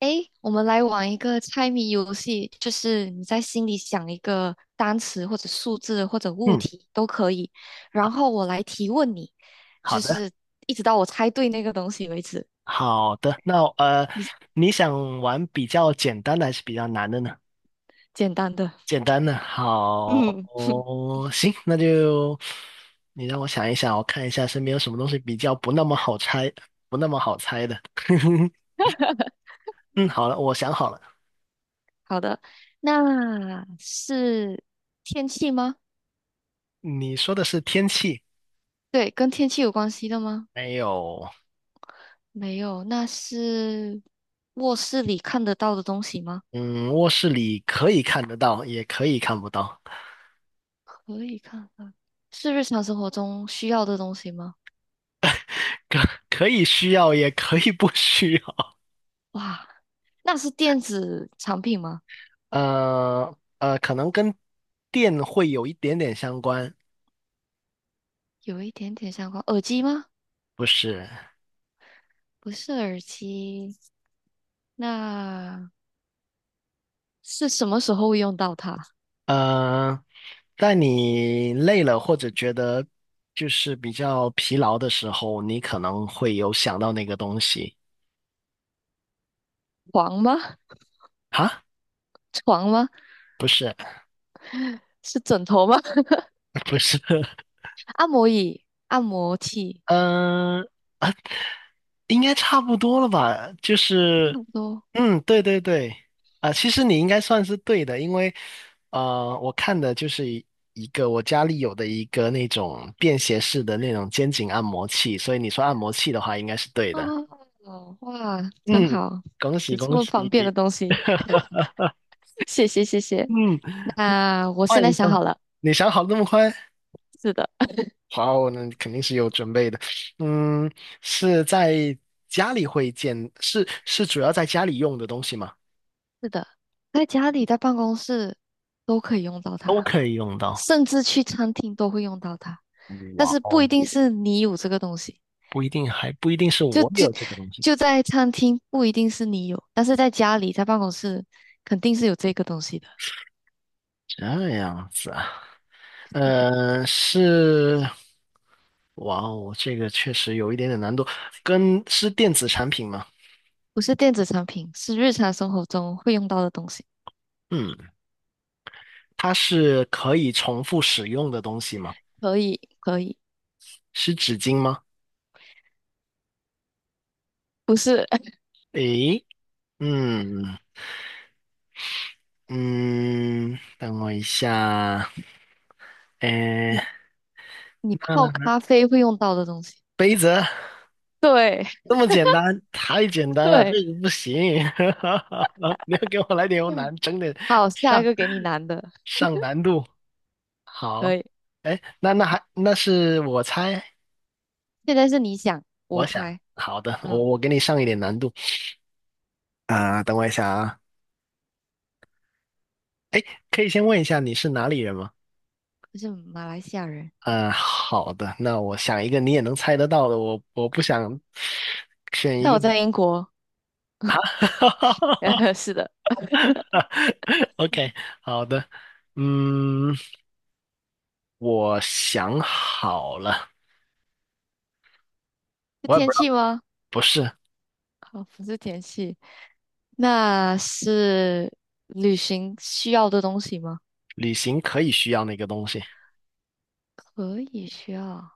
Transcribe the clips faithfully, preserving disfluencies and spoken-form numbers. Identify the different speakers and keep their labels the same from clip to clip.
Speaker 1: 诶，我们来玩一个猜谜游戏，就是你在心里想一个单词或者数字或者物
Speaker 2: 嗯，
Speaker 1: 体都可以，然
Speaker 2: 好，
Speaker 1: 后我来提问你，
Speaker 2: 好
Speaker 1: 就
Speaker 2: 的，
Speaker 1: 是一直到我猜对那个东西为止。
Speaker 2: 好的。那呃，
Speaker 1: 你
Speaker 2: 你想玩比较简单的还是比较难的呢？
Speaker 1: 简单的，
Speaker 2: 简单的，好，
Speaker 1: 嗯，
Speaker 2: 哦，行，那就你让我想一想，我看一下身边有什么东西比较不那么好猜，不那么好猜的。嗯，好了，我想好了，
Speaker 1: 好的，那是天气吗？
Speaker 2: 你说的是天气，
Speaker 1: 对，跟天气有关系的吗？
Speaker 2: 还有，
Speaker 1: 没有，那是卧室里看得到的东西吗？
Speaker 2: 嗯，卧室里可以看得到，也可以看不到，
Speaker 1: 可以看到，是日常生活中需要的东西吗？
Speaker 2: 可可以需要，也可以不需要。
Speaker 1: 哇，那是电子产品吗？
Speaker 2: 呃呃，可能跟电会有一点点相关，
Speaker 1: 有一点点相关，耳机吗？
Speaker 2: 不是？
Speaker 1: 不是耳机，那是什么时候会用到它？
Speaker 2: 呃，在你累了或者觉得就是比较疲劳的时候，你可能会有想到那个东西。
Speaker 1: 床吗？
Speaker 2: 哈，
Speaker 1: 床吗？
Speaker 2: 不是，
Speaker 1: 是枕头吗？
Speaker 2: 不是，
Speaker 1: 按摩椅、按摩器，
Speaker 2: 嗯、呃，啊应该差不多了吧？就
Speaker 1: 差
Speaker 2: 是，
Speaker 1: 不多。
Speaker 2: 嗯，对对对，啊、其实你应该算是对的，因为，呃，我看的就是一一个我家里有的一个那种便携式的那种肩颈按摩器，所以你说按摩器的话，应该是对
Speaker 1: 哦，
Speaker 2: 的。
Speaker 1: 哦哇，真
Speaker 2: 嗯，
Speaker 1: 好，
Speaker 2: 恭喜
Speaker 1: 有这
Speaker 2: 恭
Speaker 1: 么
Speaker 2: 喜。
Speaker 1: 方便的东西，谢谢谢谢。
Speaker 2: 嗯，
Speaker 1: 那我
Speaker 2: 换
Speaker 1: 现在
Speaker 2: 一下
Speaker 1: 想
Speaker 2: 吧，
Speaker 1: 好了，
Speaker 2: 你想好得那么快？
Speaker 1: 是的，
Speaker 2: 好，那肯定是有准备的。嗯，是在家里会见，是是主要在家里用的东西吗？
Speaker 1: 是的，在家里在办公室都可以用到它。
Speaker 2: 都可以用到。
Speaker 1: 甚至去餐厅都会用到它，但
Speaker 2: 哇
Speaker 1: 是不一
Speaker 2: 哦，
Speaker 1: 定是你有这个东西，
Speaker 2: 不一定还不一定是
Speaker 1: 就
Speaker 2: 我
Speaker 1: 就
Speaker 2: 有这个东西，
Speaker 1: 就在餐厅不一定是你有，但是在家里在办公室肯定是有这个东西的。
Speaker 2: 这样子啊，
Speaker 1: 是的，
Speaker 2: 呃，是，哇哦，这个确实有一点点难度，跟是电子产品吗？
Speaker 1: 不是电子产品，是日常生活中会用到的东西。
Speaker 2: 嗯，它是可以重复使用的东西吗？
Speaker 1: 可以，可以，
Speaker 2: 是纸巾吗？
Speaker 1: 不是
Speaker 2: 诶，嗯嗯，等我一下，诶，
Speaker 1: 你你泡咖
Speaker 2: 那
Speaker 1: 啡会用到的东西。
Speaker 2: 杯子，
Speaker 1: 对
Speaker 2: 这么简单，太简单了，
Speaker 1: 对，
Speaker 2: 这个不行。你要给我来点有
Speaker 1: 嗯，
Speaker 2: 难，整点
Speaker 1: 好，下一
Speaker 2: 上
Speaker 1: 个给你难的，
Speaker 2: 上难度。好，
Speaker 1: 可以。
Speaker 2: 哎，那那还那是我猜，
Speaker 1: 现在是你想，我
Speaker 2: 我想，
Speaker 1: 猜，
Speaker 2: 好的，我
Speaker 1: 嗯，
Speaker 2: 我给你上一点难度啊、等我一下啊，哎，可以先问一下你是哪里人吗？
Speaker 1: 就是马来西亚人，
Speaker 2: 嗯，好的，那我想一个你也能猜得到的，我我不想选一
Speaker 1: 但
Speaker 2: 个。
Speaker 1: 我在英国，是的。
Speaker 2: OK，好的，嗯。我想好了，
Speaker 1: 是
Speaker 2: 我也不
Speaker 1: 天
Speaker 2: 知道，
Speaker 1: 气吗？
Speaker 2: 不是，
Speaker 1: 好，不是天气，那是旅行需要的东西吗？
Speaker 2: 旅行可以需要那个东西。
Speaker 1: 可以需要。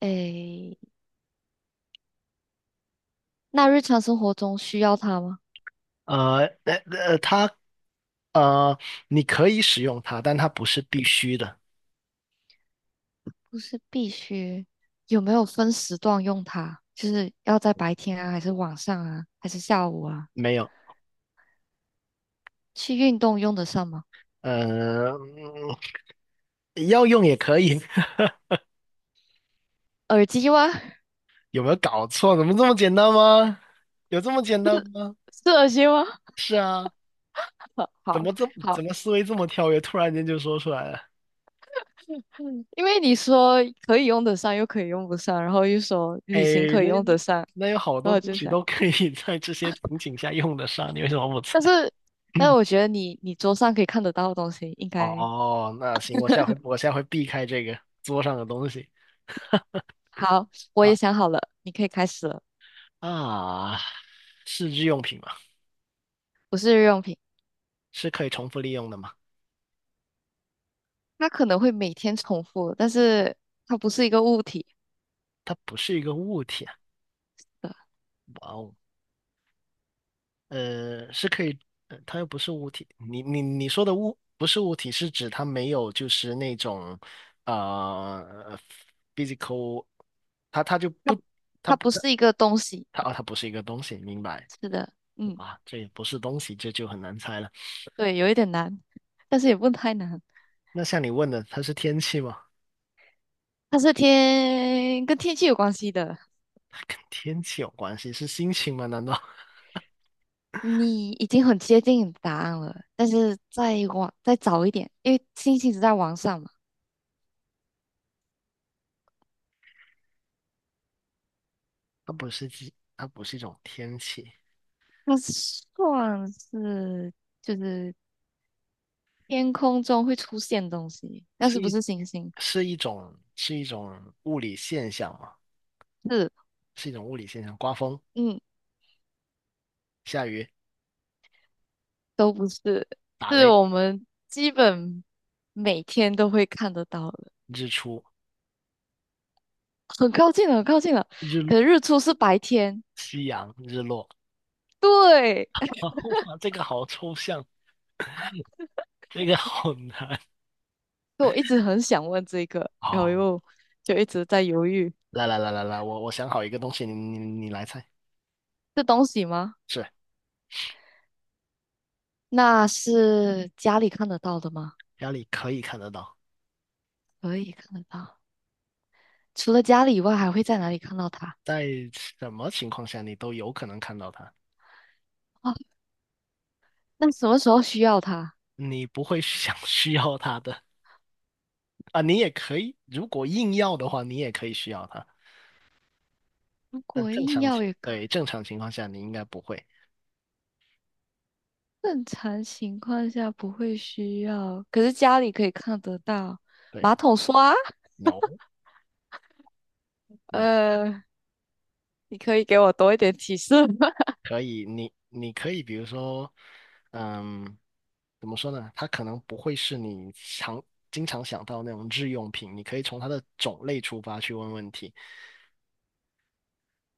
Speaker 1: 诶，那日常生活中需要它吗？
Speaker 2: 呃，呃，呃，它，呃，你可以使用它，但它不是必须的。
Speaker 1: 不是必须。有没有分时段用它？就是要在白天啊，还是晚上啊，还是下午啊？
Speaker 2: 没有，
Speaker 1: 去运动用得上吗？
Speaker 2: 呃，嗯要用也可以。
Speaker 1: 耳机吗？
Speaker 2: 有没有搞错？怎么这么简单吗？有这么简单吗？
Speaker 1: 是耳机吗？
Speaker 2: 是啊，
Speaker 1: 好
Speaker 2: 怎
Speaker 1: 好
Speaker 2: 么这怎
Speaker 1: 好，
Speaker 2: 么思维这么跳跃？突然间就说出来了。
Speaker 1: 嗯因为你说可以用得上，又可以用不上，然后又说
Speaker 2: 哎，
Speaker 1: 旅行可以
Speaker 2: 那
Speaker 1: 用得上，
Speaker 2: 那有好
Speaker 1: 然后
Speaker 2: 多
Speaker 1: 我
Speaker 2: 东
Speaker 1: 就
Speaker 2: 西
Speaker 1: 想。
Speaker 2: 都可以 在这些情景下用得上，你为什么不猜？
Speaker 1: 但是，但是我 觉得你你桌上可以看得到的东西应该
Speaker 2: 哦，那行，我下回 我下回避开这个桌上的东西
Speaker 1: 好。我
Speaker 2: 啊
Speaker 1: 也想好了，你可以开始了。
Speaker 2: 啊，是日用品吗？
Speaker 1: 不是日用品，
Speaker 2: 是可以重复利用的吗？
Speaker 1: 它可能会每天重复，但是它不是一个物体
Speaker 2: 它不是一个物体啊。
Speaker 1: 的，
Speaker 2: 哇哦，呃，是可以，呃它又不是物体。你你你说的物不是物体，是指它没有就是那种呃 physical，它它就
Speaker 1: 它
Speaker 2: 不它
Speaker 1: 它
Speaker 2: 不
Speaker 1: 不
Speaker 2: 它
Speaker 1: 是一个东西。
Speaker 2: 它啊它不是一个东西，明白
Speaker 1: 是的，嗯，
Speaker 2: 啊？这也不是东西，这就很难猜了。
Speaker 1: 对，有一点难，但是也不太难。
Speaker 2: 那像你问的，它是天气吗？
Speaker 1: 它是天跟天气有关系的。
Speaker 2: 跟天气有关系，是心情吗？难道
Speaker 1: 你已经很接近答案了，但是再往再早一点，因为星星是在往上嘛，
Speaker 2: 它不是一，它不是一种天气，
Speaker 1: 那算是。就是天空中会出现东西，但是
Speaker 2: 是
Speaker 1: 不
Speaker 2: 一
Speaker 1: 是星星，
Speaker 2: 是一种是一种物理现象吗？
Speaker 1: 是
Speaker 2: 是一种物理现象，刮风、
Speaker 1: 嗯，
Speaker 2: 下雨、
Speaker 1: 都不是，
Speaker 2: 打
Speaker 1: 是
Speaker 2: 雷、
Speaker 1: 我们基本每天都会看得到的，
Speaker 2: 日出、
Speaker 1: 很靠近了，很靠近了。可
Speaker 2: 日
Speaker 1: 是日出是白天，
Speaker 2: 夕阳、日落。
Speaker 1: 对，
Speaker 2: 啊，哇，这个好抽象，这个好难。
Speaker 1: 所以我一直很想问这个，然后
Speaker 2: 哦，
Speaker 1: 又就一直在犹豫，
Speaker 2: 来来来来来，我我想好一个东西，你你你来猜，
Speaker 1: 是东西吗？
Speaker 2: 是
Speaker 1: 那是家里看得到的吗？
Speaker 2: 家里可以看得到，
Speaker 1: 可以看得到，除了家里以外，还会在哪里看到它？
Speaker 2: 在什么情况下你都有可能看到它，
Speaker 1: 哦，那什么时候需要它？
Speaker 2: 你不会 想需要它的。啊，你也可以，如果硬要的话，你也可以需要它。
Speaker 1: 如
Speaker 2: 但
Speaker 1: 果
Speaker 2: 正
Speaker 1: 硬
Speaker 2: 常
Speaker 1: 要
Speaker 2: 情，
Speaker 1: 也可。
Speaker 2: 对，正常情况下你应该不会。
Speaker 1: 正常情况下不会需要，可是家里可以看得到
Speaker 2: 对
Speaker 1: 马桶刷。
Speaker 2: ，no no，
Speaker 1: 呃，你可以给我多一点提示吗？
Speaker 2: 可以，你你可以，比如说，嗯，怎么说呢？它可能不会是你常经常想到那种日用品，你可以从它的种类出发去问问题。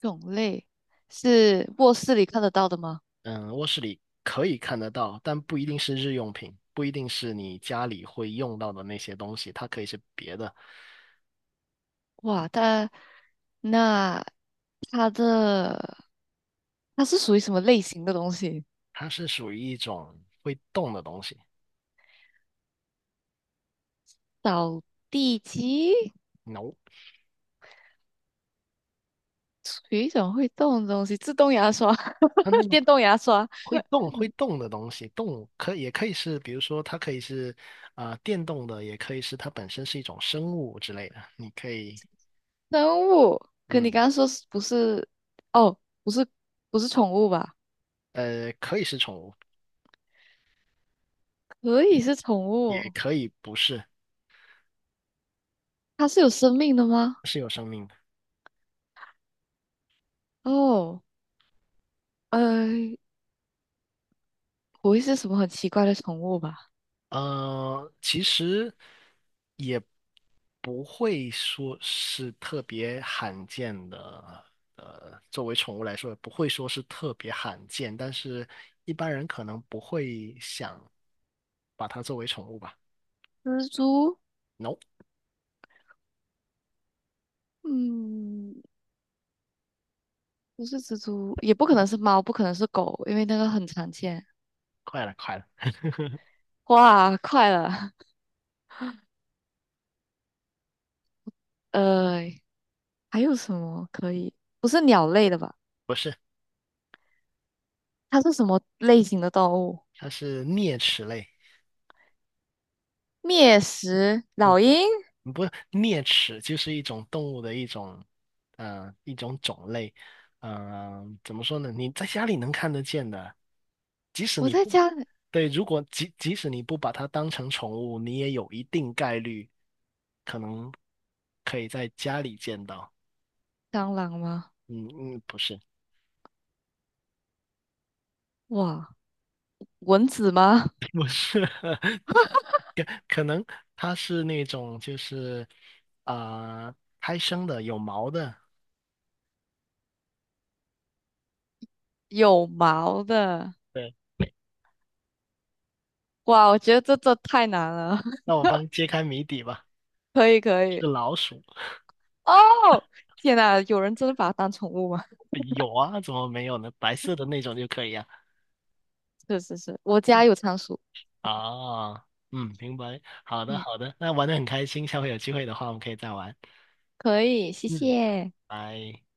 Speaker 1: 种类是卧室里看得到的吗？
Speaker 2: 嗯，卧室里可以看得到，但不一定是日用品，不一定是你家里会用到的那些东西，它可以是别的，
Speaker 1: 哇，它那它的它是属于什么类型的东西？
Speaker 2: 它是属于一种会动的东西。
Speaker 1: 扫地机
Speaker 2: No，no
Speaker 1: 属于一种会动的东西，自动牙刷、
Speaker 2: no no，
Speaker 1: 电动牙刷、
Speaker 2: 会动会动的东西，动物可也可以是，比如说它可以是啊、呃电动的，也可以是它本身是一种生物之类的。你可以，
Speaker 1: 生物。可你
Speaker 2: 嗯，
Speaker 1: 刚刚说是不是？哦，不是，不是宠物吧？
Speaker 2: 呃，可以是宠物，
Speaker 1: 可以是宠物
Speaker 2: 也
Speaker 1: 哦
Speaker 2: 可以不是，
Speaker 1: 它是有生命的吗？
Speaker 2: 是有生命的。
Speaker 1: 哦，呃，不会是什么很奇怪的宠物吧？
Speaker 2: 呃，其实也不会说是特别罕见的，呃，作为宠物来说，也不会说是特别罕见，但是一般人可能不会想把它作为宠物吧。
Speaker 1: 蜘蛛？
Speaker 2: No。
Speaker 1: 嗯，不是蜘蛛，也不可能是猫，不可能是狗，因为那个很常见。
Speaker 2: 快了，快了，
Speaker 1: 哇，快了，呃，还有什么可以？不是鸟类的吧？
Speaker 2: 不是，
Speaker 1: 它是什么类型的动物？
Speaker 2: 它是啮齿类，
Speaker 1: 灭食老鹰？
Speaker 2: 不不，啮齿就是一种动物的一种，呃，一种种类，嗯、怎么说呢？你在家里能看得见的，即使
Speaker 1: 我
Speaker 2: 你
Speaker 1: 在
Speaker 2: 不，
Speaker 1: 家，
Speaker 2: 对，如果即即使你不把它当成宠物，你也有一定概率可能可以在家里见到。
Speaker 1: 蟑螂吗？
Speaker 2: 嗯嗯，不是，
Speaker 1: 哇，蚊子吗？
Speaker 2: 不是，可可能它是那种就是啊、呃胎生的有毛的，
Speaker 1: 有毛的。
Speaker 2: 对，
Speaker 1: 哇，我觉得这这太难了。
Speaker 2: 那我帮揭开谜底吧。
Speaker 1: 可以可
Speaker 2: 是
Speaker 1: 以。
Speaker 2: 老鼠，
Speaker 1: 哦，天呐，有人真的把它当宠物吗？
Speaker 2: 呃有啊，怎么没有呢？白色的那种就可以啊。
Speaker 1: 是是是，我家有仓鼠。
Speaker 2: 啊，嗯，明白。好的，
Speaker 1: 嗯，
Speaker 2: 好的，那玩的很开心，下回有机会的话，我们可以再玩。
Speaker 1: 可以，谢
Speaker 2: 嗯，
Speaker 1: 谢。
Speaker 2: 拜。